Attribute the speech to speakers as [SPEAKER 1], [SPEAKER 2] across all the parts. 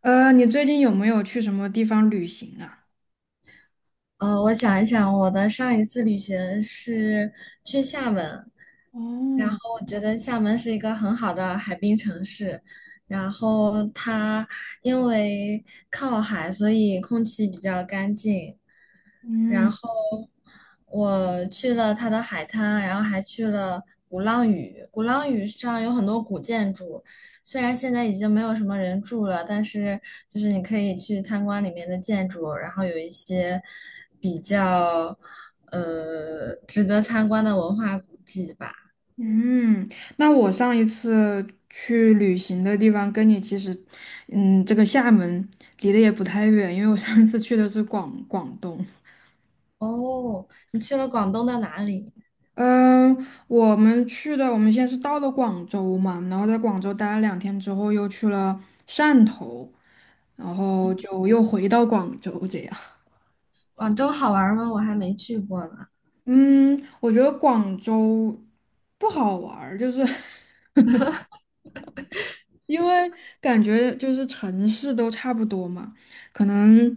[SPEAKER 1] 你最近有没有去什么地方旅行啊？
[SPEAKER 2] 我想一想，我的上一次旅行是去厦门，然
[SPEAKER 1] 哦，
[SPEAKER 2] 后我觉得厦门是一个很好的海滨城市，然后它因为靠海，所以空气比较干净，然
[SPEAKER 1] 嗯
[SPEAKER 2] 后我去了它的海滩，然后还去了鼓浪屿。鼓浪屿上有很多古建筑，虽然现在已经没有什么人住了，但是就是你可以去参观里面的建筑，然后有一些比较值得参观的文化古迹吧。
[SPEAKER 1] 嗯，那我上一次去旅行的地方跟你其实，嗯，这个厦门离得也不太远，因为我上一次去的是广东。
[SPEAKER 2] 哦，你去了广东的哪里？
[SPEAKER 1] 嗯，我们先是到了广州嘛，然后在广州待了2天之后，又去了汕头，然后就又回到广州这样。
[SPEAKER 2] 广州好玩吗？我还没去过呢。
[SPEAKER 1] 嗯，我觉得广州不好玩儿，就是 因为感觉就是城市都差不多嘛，可能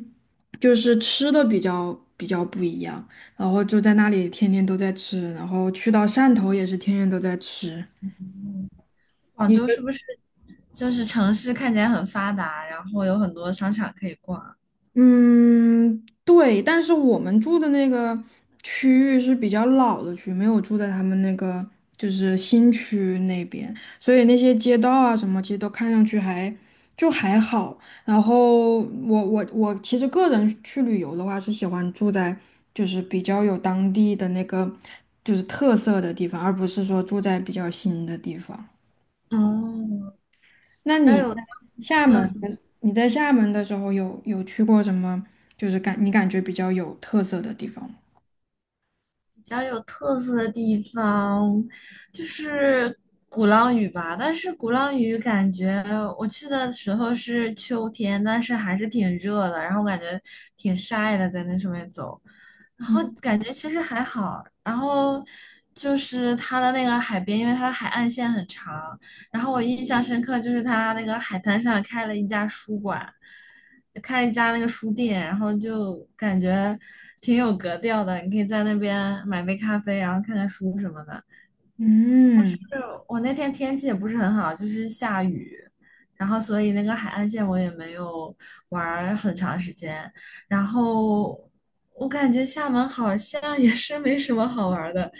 [SPEAKER 1] 就是吃的比较不一样，然后就在那里天天都在吃，然后去到汕头也是天天都在吃。
[SPEAKER 2] 广州是不是就是城市看起来很发达，然后有很多商场可以逛啊。
[SPEAKER 1] 嗯，对，但是我们住的那个区域是比较老的区，没有住在他们那个就是新区那边，所以那些街道啊什么，其实都看上去还就还好。然后我其实个人去旅游的话，是喜欢住在就是比较有当地的那个就是特色的地方，而不是说住在比较新的地方。
[SPEAKER 2] 哦，
[SPEAKER 1] 那
[SPEAKER 2] 比较
[SPEAKER 1] 你
[SPEAKER 2] 有
[SPEAKER 1] 在厦
[SPEAKER 2] 特
[SPEAKER 1] 门，
[SPEAKER 2] 色、
[SPEAKER 1] 你在厦门的时候有去过什么，就是你感觉比较有特色的地方吗？
[SPEAKER 2] 比较有特色的地方就是鼓浪屿吧。但是鼓浪屿感觉我去的时候是秋天，但是还是挺热的，然后感觉挺晒的，在那上面走。然后
[SPEAKER 1] 嗯
[SPEAKER 2] 感觉其实还好，然后就是它的那个海边，因为它的海岸线很长，然后我印象深刻就是它那个海滩上开了一家书馆，开了一家那个书店，然后就感觉挺有格调的，你可以在那边买杯咖啡，然后看看书什么的。
[SPEAKER 1] 嗯，
[SPEAKER 2] 是我那天天气也不是很好，就是下雨，然后所以那个海岸线我也没有玩儿很长时间。然后我感觉厦门好像也是没什么好玩儿的，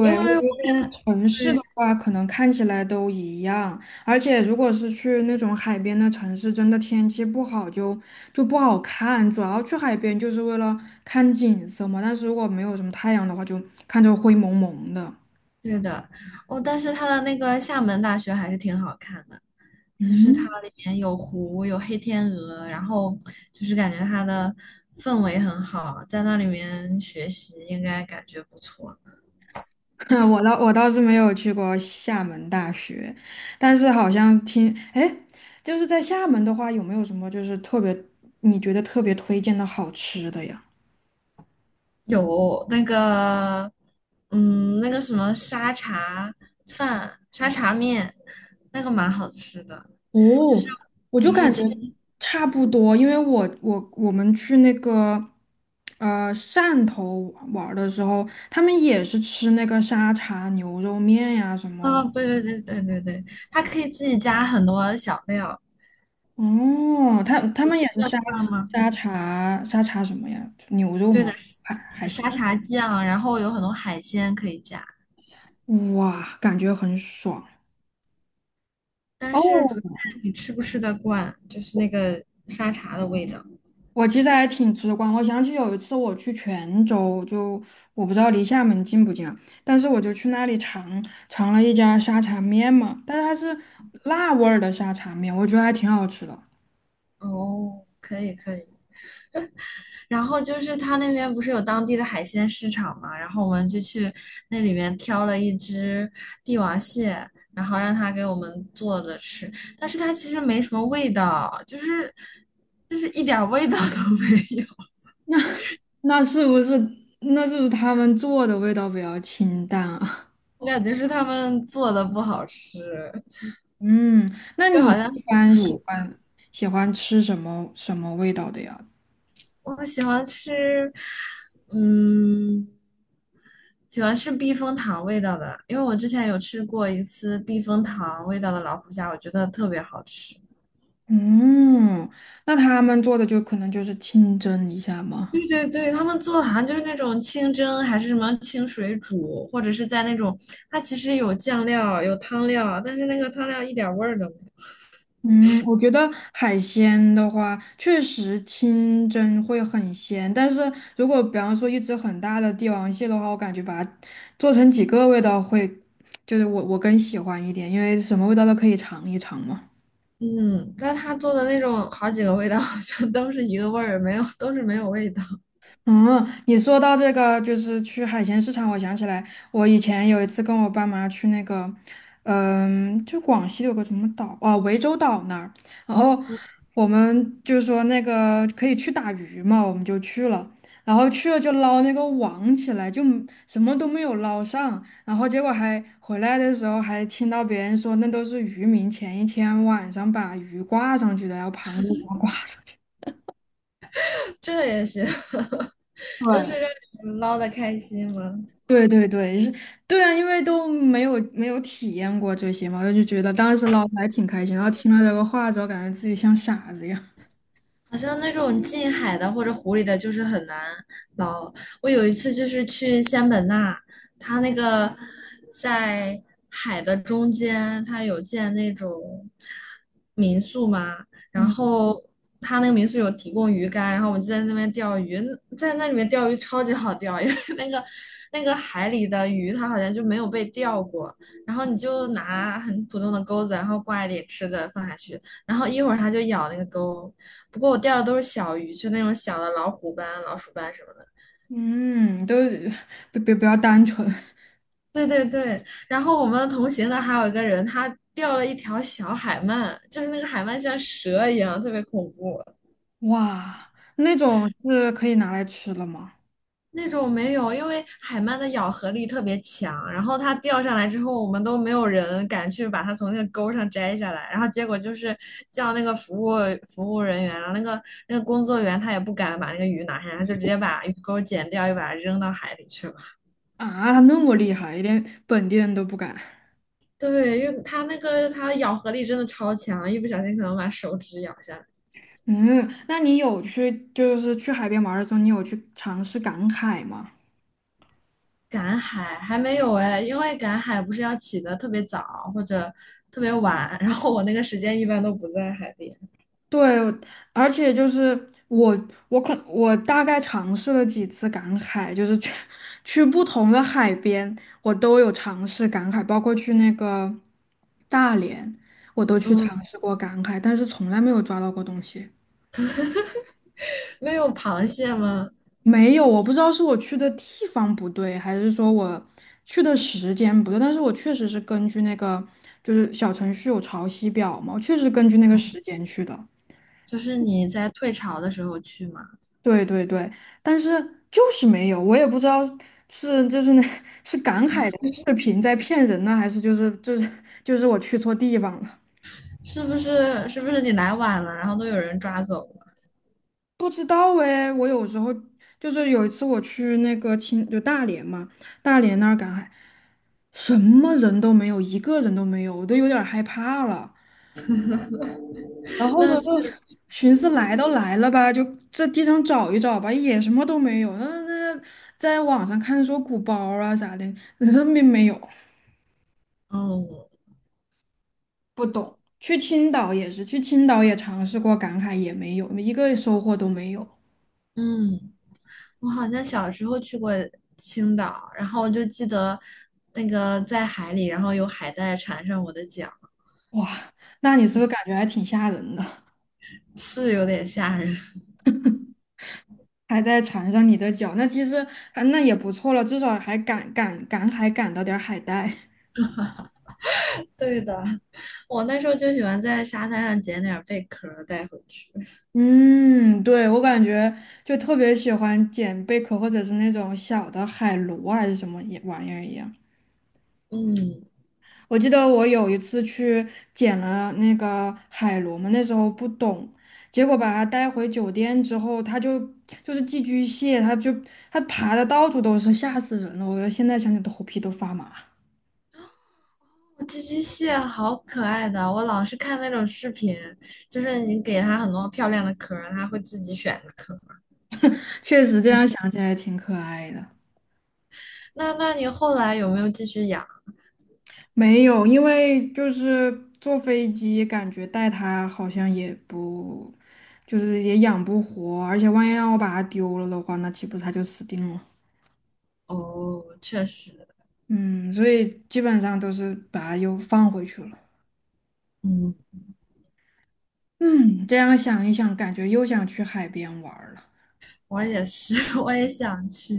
[SPEAKER 2] 因
[SPEAKER 1] 我
[SPEAKER 2] 为
[SPEAKER 1] 觉
[SPEAKER 2] 我
[SPEAKER 1] 得城市的
[SPEAKER 2] 对。
[SPEAKER 1] 话，可能看起来都一样，而且如果是去那种海边的城市，真的天气不好就不好看。主要去海边就是为了看景色嘛，但是如果没有什么太阳的话，就看着灰蒙蒙的。
[SPEAKER 2] 对的，哦，但是它的那个厦门大学还是挺好看的，就是它
[SPEAKER 1] 嗯，
[SPEAKER 2] 里面有湖，有黑天鹅，然后就是感觉它的氛围很好，在那里面学习应该感觉不错。
[SPEAKER 1] 我倒是没有去过厦门大学，但是好像听，哎，就是在厦门的话，有没有什么就是特别你觉得特别推荐的好吃的呀？
[SPEAKER 2] 有那个，嗯，那个什么沙茶饭、沙茶面，那个蛮好吃的。就
[SPEAKER 1] 哦，
[SPEAKER 2] 是
[SPEAKER 1] 我就
[SPEAKER 2] 我是
[SPEAKER 1] 感觉
[SPEAKER 2] 去，
[SPEAKER 1] 差不多，因为我们去那个汕头玩儿的时候，他们也是吃那个沙茶牛肉面呀什么，
[SPEAKER 2] 啊，对对对对对对，它可以自己加很多小料，
[SPEAKER 1] 哦，他们也是
[SPEAKER 2] 要知
[SPEAKER 1] 沙
[SPEAKER 2] 道吗？
[SPEAKER 1] 沙茶沙茶什么呀，牛肉
[SPEAKER 2] 对
[SPEAKER 1] 吗？
[SPEAKER 2] 的，
[SPEAKER 1] 海海
[SPEAKER 2] 沙
[SPEAKER 1] 鲜。
[SPEAKER 2] 茶酱，然后有很多海鲜可以加，
[SPEAKER 1] 哇，感觉很爽
[SPEAKER 2] 但是主要
[SPEAKER 1] 哦！
[SPEAKER 2] 看你吃不吃得惯，就是那个沙茶的味道。
[SPEAKER 1] 我其实还挺直观，我想起有一次我去泉州，就我不知道离厦门近不近啊，但是我就去那里尝了一家沙茶面嘛，但是它是辣味儿的沙茶面，我觉得还挺好吃的。
[SPEAKER 2] 哦，可以可以。然后就是他那边不是有当地的海鲜市场嘛，然后我们就去那里面挑了一只帝王蟹，然后让他给我们做着吃，但是它其实没什么味道，就是一点儿味道 都没有，
[SPEAKER 1] 那是不是那是不是他们做的味道比较清淡啊？
[SPEAKER 2] 我感觉是他们做的不好吃，
[SPEAKER 1] 嗯，那
[SPEAKER 2] 就
[SPEAKER 1] 你
[SPEAKER 2] 好像
[SPEAKER 1] 一般
[SPEAKER 2] 煮，
[SPEAKER 1] 喜欢吃什么什么味道的呀？
[SPEAKER 2] 我喜欢吃，嗯。喜欢吃避风塘味道的，因为我之前有吃过一次避风塘味道的老虎虾，我觉得特别好吃。
[SPEAKER 1] 嗯，那他们做的就可能就是清蒸一下吗？
[SPEAKER 2] 对对对，他们做的好像就是那种清蒸，还是什么清水煮，或者是在那种，它其实有酱料，有汤料，但是那个汤料一点味儿都没有。
[SPEAKER 1] 嗯，我觉得海鲜的话，确实清蒸会很鲜，但是如果比方说一只很大的帝王蟹的话，我感觉把它做成几个味道会，就是我更喜欢一点，因为什么味道都可以尝一尝嘛。
[SPEAKER 2] 嗯，但他做的那种好几个味道好像都是一个味儿，没有，都是没有味道。
[SPEAKER 1] 嗯，你说到这个，就是去海鲜市场，我想起来，我以前有一次跟我爸妈去那个，嗯，就广西有个什么岛啊，涠洲岛那儿，然后我们就说那个可以去打鱼嘛，我们就去了，然后去了就捞那个网起来，就什么都没有捞上，然后结果还回来的时候还听到别人说，那都是渔民前一天晚上把鱼挂上去的，然后螃蟹给它挂上去。
[SPEAKER 2] 这也行，就
[SPEAKER 1] 对
[SPEAKER 2] 是让你们捞的开心嘛。
[SPEAKER 1] 对对对，是，对啊，因为都没有体验过这些嘛，我就觉得当时老师还挺开心，然后听了这个话之后，感觉自己像傻子一样。
[SPEAKER 2] 好像那种近海的或者湖里的，就是很难捞。我有一次就是去仙本那，它那个在海的中间，它有建那种民宿嘛，然
[SPEAKER 1] 嗯，
[SPEAKER 2] 后它那个民宿有提供鱼竿，然后我们就在那边钓鱼，在那里面钓鱼超级好钓，因为 那个海里的鱼它好像就没有被钓过，然后你就拿很普通的钩子，然后挂一点吃的放下去，然后一会儿它就咬那个钩。不过我钓的都是小鱼，就那种小的老虎斑、老鼠斑什么的。
[SPEAKER 1] 嗯，都不要单纯。
[SPEAKER 2] 对对对，然后我们同行的还有一个人，他钓了一条小海鳗，就是那个海鳗像蛇一样，特别恐怖。
[SPEAKER 1] 哇，那种是可以拿来吃了吗？
[SPEAKER 2] 那种没有，因为海鳗的咬合力特别强，然后它钓上来之后，我们都没有人敢去把它从那个钩上摘下来，然后结果就是叫那个服务人员，然后那个工作员他也不敢把那个鱼拿下来，他就直接把鱼钩剪掉，又把它扔到海里去了。
[SPEAKER 1] 啊，那么厉害，连本地人都不敢。
[SPEAKER 2] 对，因为它那个它的咬合力真的超强，一不小心可能把手指咬下来。
[SPEAKER 1] 嗯，那你就是去海边玩的时候，你有去尝试赶海吗？
[SPEAKER 2] 赶海还没有哎，因为赶海不是要起得特别早或者特别晚，然后我那个时间一般都不在海边。
[SPEAKER 1] 对，而且就是我大概尝试了几次赶海，就是去不同的海边，我都有尝试赶海，包括去那个大连，我都去尝
[SPEAKER 2] 嗯，
[SPEAKER 1] 试过赶海，但是从来没有抓到过东西。
[SPEAKER 2] 没有螃蟹吗？
[SPEAKER 1] 没有，我不知道是我去的地方不对，还是说我去的时间不对，但是我确实是根据那个就是小程序有潮汐表嘛，我确实根据那个时间去的。
[SPEAKER 2] 就是你在退潮的时候去嘛，
[SPEAKER 1] 对对对，但是就是没有，我也不知道是就是那 是赶海的视频在骗人呢，还是就是我去错地方了，
[SPEAKER 2] 是不是你来晚了，然后都有人抓走了？
[SPEAKER 1] 不知道哎。我有时候就是有一次我去那个青就大连嘛，大连那儿赶海，什么人都没有，一个人都没有，我都有点儿害怕了。然后呢，就
[SPEAKER 2] 那
[SPEAKER 1] 寻思来都来了吧，就这地上找一找吧，也什么都没有。那在网上看说鼓包啊啥的，那没有。
[SPEAKER 2] 嗯
[SPEAKER 1] 不懂。去青岛也是，去青岛也尝试过赶海，也没有，一个收获都没有。
[SPEAKER 2] 嗯，我好像小时候去过青岛，然后我就记得那个在海里，然后有海带缠上我的脚。
[SPEAKER 1] 哇，那你是不是感觉还挺吓人的，
[SPEAKER 2] 是有点吓人。
[SPEAKER 1] 还在缠上你的脚，那其实还那也不错了，至少还赶海赶到点儿海带。
[SPEAKER 2] 对的，我那时候就喜欢在沙滩上捡点贝壳带回去。
[SPEAKER 1] 嗯，对，我感觉就特别喜欢捡贝壳或者是那种小的海螺啊还是什么也玩意儿一样。
[SPEAKER 2] 嗯，
[SPEAKER 1] 我记得我有一次去捡了那个海螺嘛，那时候不懂，结果把它带回酒店之后，它就是寄居蟹，它爬的到处都是，吓死人了！我现在想起头皮都发麻。
[SPEAKER 2] 寄居蟹好可爱的，我老是看那种视频，就是你给它很多漂亮的壳它会自己选壳。
[SPEAKER 1] 确实这样想起来挺可爱的。
[SPEAKER 2] 那你后来有没有继续养？
[SPEAKER 1] 没有，因为就是坐飞机，感觉带它好像也不，就是也养不活，而且万一让我把它丢了的话，那岂不是它就死定了？
[SPEAKER 2] 哦，确实，
[SPEAKER 1] 嗯，所以基本上都是把它又放回去了。
[SPEAKER 2] 嗯，
[SPEAKER 1] 嗯，这样想一想，感觉又想去海边玩儿了。
[SPEAKER 2] 我也是，我也想去。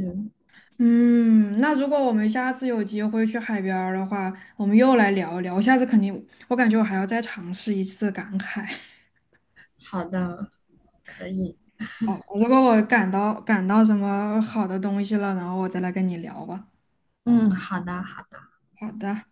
[SPEAKER 1] 嗯，那如果我们下次有机会去海边儿的话，我们又来聊一聊。我下次肯定，我感觉我还要再尝试一次赶海。
[SPEAKER 2] 好的，可以。
[SPEAKER 1] 哦，如果我赶到什么好的东西了，然后我再来跟你聊吧。
[SPEAKER 2] 嗯，好的。
[SPEAKER 1] 好的。